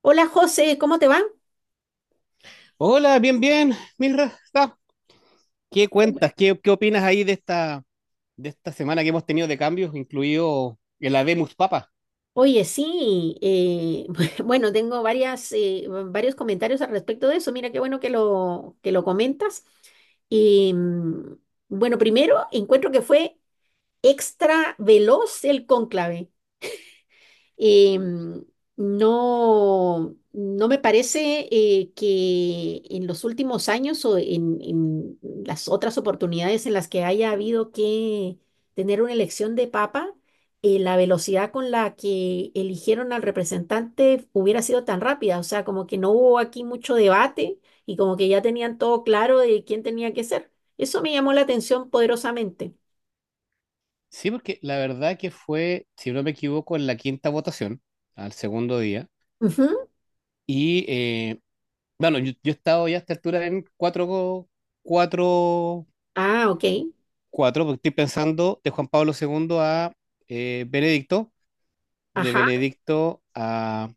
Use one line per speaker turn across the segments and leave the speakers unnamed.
Hola José, ¿cómo te va?
Hola, bien, bien, Mirra. ¿Qué cuentas? ¿Qué opinas ahí de esta semana que hemos tenido de cambios, incluido el Habemus Papa.
Oye, sí, bueno, tengo varios comentarios al respecto de eso. Mira, qué bueno que lo comentas. Y, mm, bueno, primero, encuentro que fue extra veloz el cónclave. Eh, no me parece que en los últimos años o en las otras oportunidades en las que haya habido que tener una elección de papa, la velocidad con la que eligieron al representante hubiera sido tan rápida. O sea, como que no hubo aquí mucho debate y como que ya tenían todo claro de quién tenía que ser. Eso me llamó la atención poderosamente.
Sí, porque la verdad que fue, si no me equivoco, en la quinta votación, al segundo día.
Ujú.
Y eh, yo he estado ya a esta altura en cuatro,
Ah, ok.
cuatro, porque estoy pensando de Juan Pablo II a Benedicto, de
Ajá.
Benedicto a,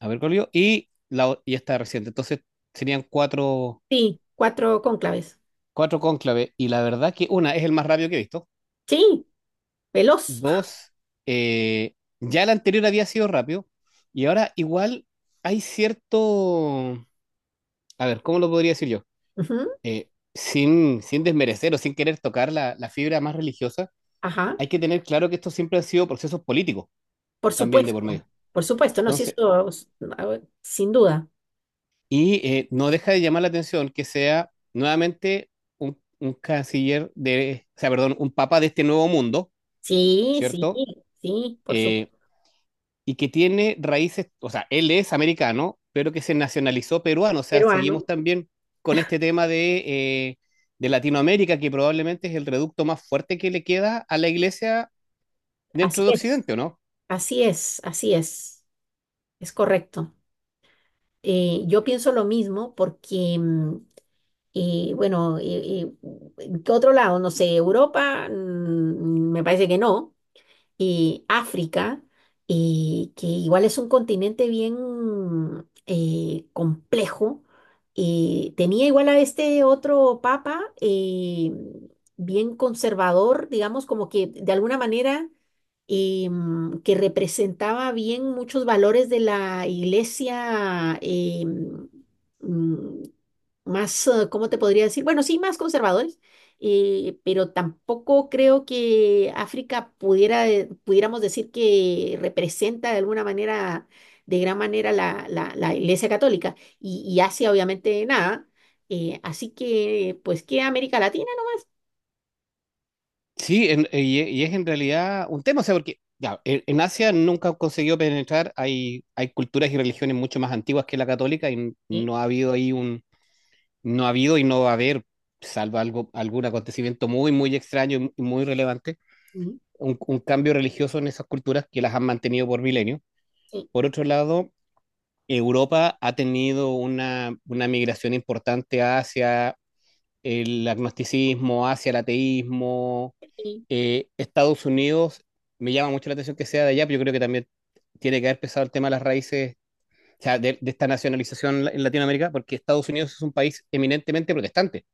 a Bergoglio, y, y esta reciente. Entonces serían cuatro
Sí, cuatro cónclaves.
cuatro cónclaves, y la verdad que una, es el más rápido que he visto.
Sí. Veloz.
Dos, ya el anterior había sido rápido, y ahora igual hay cierto, a ver, ¿cómo lo podría decir yo?
Ujú.
Sin desmerecer o sin querer tocar la fibra más religiosa,
Ajá.
hay que tener claro que esto siempre han sido procesos políticos
Por
también de por
supuesto.
medio.
Por supuesto. No, sí,
Entonces,
a ver, sin duda.
no deja de llamar la atención que sea nuevamente un canciller de, o sea, perdón, un papa de este nuevo mundo,
Sí, sí,
¿cierto?
sí, por
Eh,
supuesto.
y que tiene raíces, o sea, él es americano, pero que se nacionalizó peruano, o sea,
Peruano.
seguimos también con este tema eh, de Latinoamérica, que probablemente es el reducto más fuerte que le queda a la iglesia
Así
dentro de
es.
Occidente, ¿o no?
Así es, así es. Es correcto. Yo pienso lo mismo porque, bueno, ¿qué otro lado? No sé, Europa, me parece que no. Y África, que igual es un continente bien complejo. Tenía igual a este otro papa bien conservador, digamos, como que de alguna manera que representaba bien muchos valores de la iglesia mm, más, ¿cómo te podría decir? Bueno, sí, más conservadores, pero tampoco creo que África pudiéramos decir que representa de alguna manera, de gran manera la iglesia católica y Asia obviamente nada. Así que, pues, ¿qué América Latina? ¿No?
Sí, y es en realidad un tema, o sea, porque ya, en Asia nunca consiguió penetrar, hay culturas y religiones mucho más antiguas que la católica y
Sí.
no ha habido ahí un, no ha habido y no va a haber, salvo algo, algún acontecimiento muy, muy extraño y muy relevante
¿No?
un cambio religioso en esas culturas que las han mantenido por milenios.
Sí,
Por otro lado, Europa ha tenido una migración importante hacia el agnosticismo, hacia el ateísmo. Estados Unidos, me llama mucho la atención que sea de allá, pero yo creo que también tiene que haber pesado el tema de las raíces, o sea, de esta nacionalización en Latinoamérica, porque Estados Unidos es un país eminentemente protestante.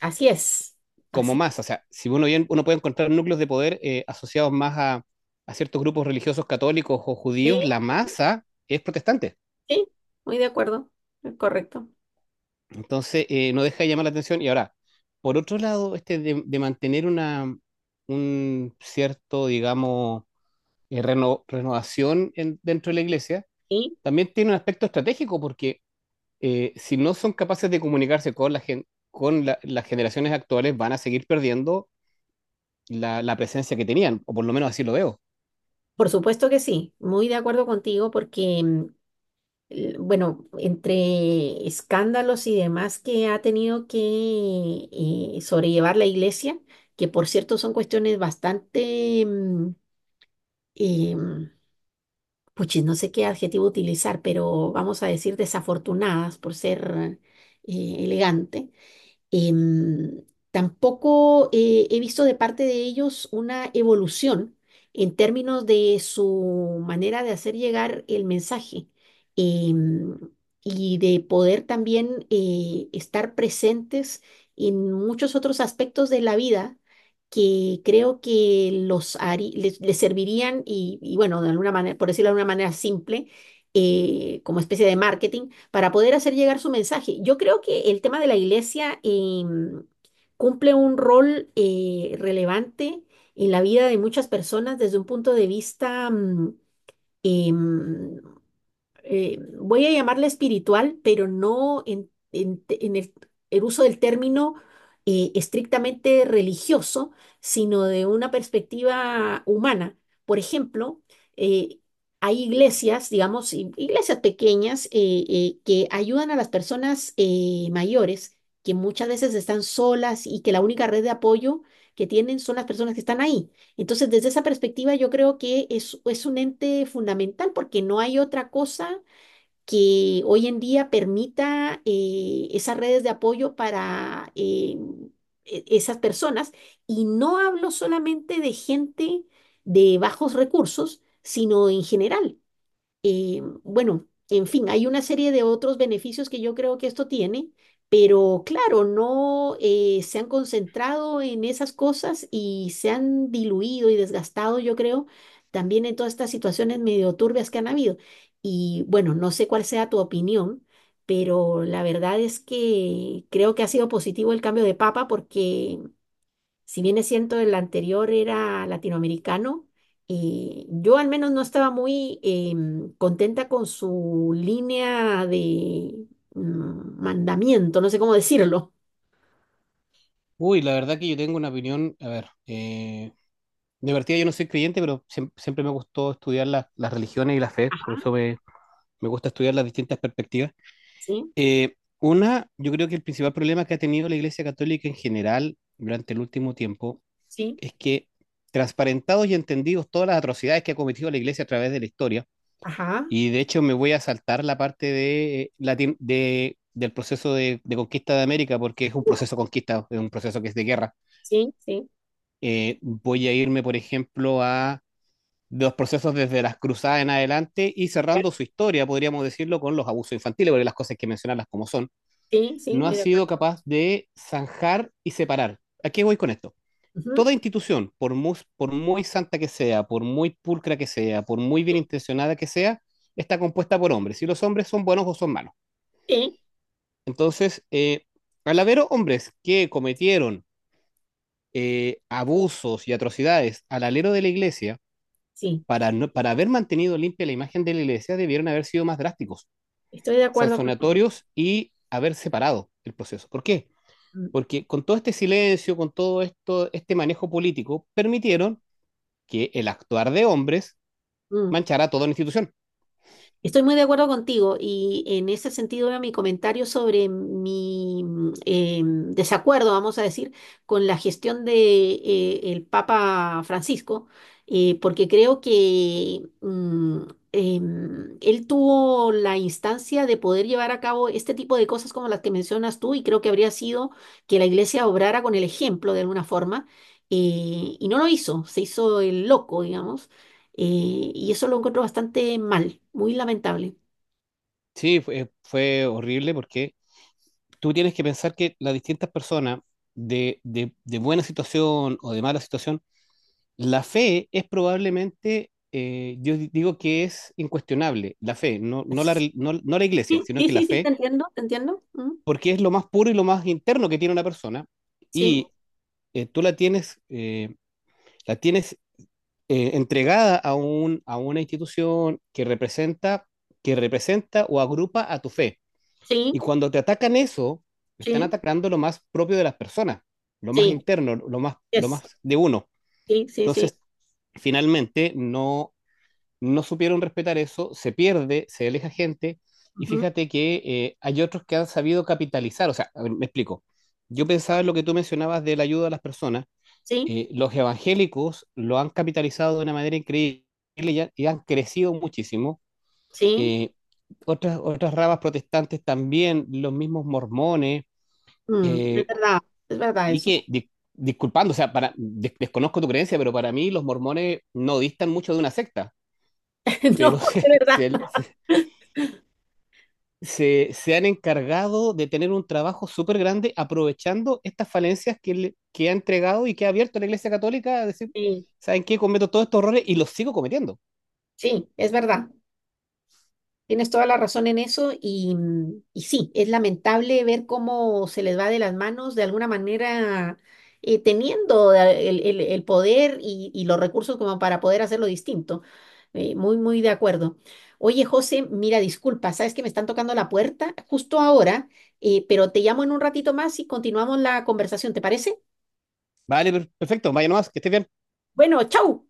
así es,
Como
así.
más. O sea, si uno, bien, uno puede encontrar núcleos de poder asociados más a ciertos grupos religiosos católicos o judíos,
Sí,
la masa es protestante.
sí, muy de acuerdo, es correcto.
Entonces, no deja de llamar la atención. Y ahora, por otro lado, este de mantener una, un cierto, digamos, renovación dentro de la iglesia,
Sí,
también tiene un aspecto estratégico porque si no son capaces de comunicarse con, la gen- con la- las generaciones actuales, van a seguir perdiendo la presencia que tenían, o por lo menos así lo veo.
por supuesto que sí, muy de acuerdo contigo porque, bueno, entre escándalos y demás que ha tenido que sobrellevar la iglesia, que por cierto son cuestiones bastante, eh, puchis, no sé qué adjetivo utilizar, pero vamos a decir desafortunadas por ser elegante. Em, Tampoco he visto de parte de ellos una evolución en términos de su manera de hacer llegar el mensaje em, y de poder también estar presentes en muchos otros aspectos de la vida que creo que les, les servirían y bueno, de alguna manera, por decirlo de una manera simple, como especie de marketing para poder hacer llegar su mensaje. Yo creo que el tema de la iglesia cumple un rol relevante en la vida de muchas personas desde un punto de vista em, voy a llamarla espiritual, pero no en el uso del término estrictamente religioso, sino de una perspectiva humana. Por ejemplo, eh, hay iglesias, digamos, iglesias pequeñas que ayudan a las personas mayores, que muchas veces están solas y que la única red de apoyo que tienen son las personas que están ahí. Entonces, desde esa perspectiva, yo creo que es un ente fundamental porque no hay otra cosa que hoy en día permita esas redes de apoyo para esas personas. Y no hablo solamente de gente de bajos recursos, sino en general. Bueno, en fin, hay una serie de otros beneficios que yo creo que esto tiene, pero claro, no se han concentrado en esas cosas y se han diluido y desgastado, yo creo, también en todas estas situaciones medio turbias que han habido. Y bueno, no sé cuál sea tu opinión, pero la verdad es que creo que ha sido positivo el cambio de papa porque si bien es cierto, el anterior era latinoamericano, y yo al menos no estaba muy contenta con su línea de mandamiento, no sé cómo decirlo.
Uy, la verdad que yo tengo una opinión, a ver, de partida yo no soy creyente, pero siempre me gustó estudiar las religiones y la fe, por
Ajá,
eso me gusta estudiar las distintas perspectivas.
sí,
Yo creo que el principal problema que ha tenido la Iglesia Católica en general durante el último tiempo
sí,
es que transparentados y entendidos todas las atrocidades que ha cometido la Iglesia a través de la historia,
ajá,
y de hecho me voy a saltar la parte de, del proceso de conquista de América, porque es un proceso de conquista, es un proceso que es de guerra.
sí, sí,
Voy a irme, por ejemplo, a de los procesos desde las cruzadas en adelante y cerrando su historia, podríamos decirlo, con los abusos infantiles, porque las cosas hay que mencionarlas como son,
sí, sí,
no ha
muy de acuerdo.
sido capaz de zanjar y separar. ¿A qué voy con esto?
Ujú,
Toda institución, por muy santa que sea, por muy pulcra que sea, por muy bien intencionada que sea, está compuesta por hombres. Y los hombres son buenos o son malos.
sí,
Entonces, al haber hombres que cometieron abusos y atrocidades al alero de la iglesia,
sí,
para, no- para haber mantenido limpia la imagen de la iglesia, debieron haber sido más drásticos,
estoy de acuerdo con...
sancionatorios y haber separado el proceso. ¿Por qué?
Mm.
Porque con todo este silencio, con todo esto, este manejo político, permitieron que el actuar de hombres
Mm.
manchara toda la institución.
Estoy muy de acuerdo contigo y en ese sentido era mi comentario sobre mi desacuerdo, vamos a decir, con la gestión de el Papa Francisco, porque creo que él tuvo la instancia de poder llevar a cabo este tipo de cosas como las que mencionas tú y creo que habría sido que la Iglesia obrara con el ejemplo de alguna forma y no lo hizo, se hizo el loco, digamos. Y eso lo encuentro bastante mal, muy lamentable.
Sí, fue horrible porque tú tienes que pensar que las distintas personas de, de buena situación o de mala situación. La fe es probablemente, digo que es incuestionable, la fe, no la iglesia,
Sí,
sino
sí,
que la
sí, te
fe,
entiendo, te entiendo. Mm.
porque es lo más puro y lo más interno que tiene una persona,
Sí,
y eh, tú la tienes, eh, la tienes entregada a un, a una institución que representa o agrupa a tu fe. Y
sí,
cuando te atacan eso, están
sí,
atacando lo más propio de las personas, lo más
sí,
interno, lo
yes,
más de uno.
sí, sí, sí,
Entonces, finalmente no supieron respetar eso, se pierde, se aleja gente, y
ujú,
fíjate que hay otros que han sabido capitalizar, o sea, a ver, me explico, yo pensaba en lo que tú mencionabas de la ayuda a las personas,
sí,
los evangélicos lo han capitalizado de una manera increíble y, y han crecido muchísimo,
sí,
eh, otras, otras ramas protestantes también, los mismos mormones,
mm,
eh,
es verdad
y que,
eso.
disculpando, o sea, desconozco tu creencia, pero para mí los mormones no distan mucho de una secta,
No,
pero
es
se,
verdad.
se- se han encargado de tener un trabajo súper grande aprovechando estas falencias que, que ha entregado y que ha abierto la Iglesia Católica a decir,
Sí,
¿saben qué? Cometo todos estos errores y los sigo cometiendo.
sí, es verdad. Tienes toda la razón en eso y, mm, y sí, es lamentable ver cómo se les va de las manos de alguna manera teniendo el poder y los recursos como para poder hacerlo distinto. Muy, muy de acuerdo. Oye, José, mira, disculpa, sabes que me están tocando la puerta justo ahora, pero te llamo en un ratito más y continuamos la conversación, ¿te parece?
Vale, perfecto, vaya nomás, que estés bien.
Bueno, chau.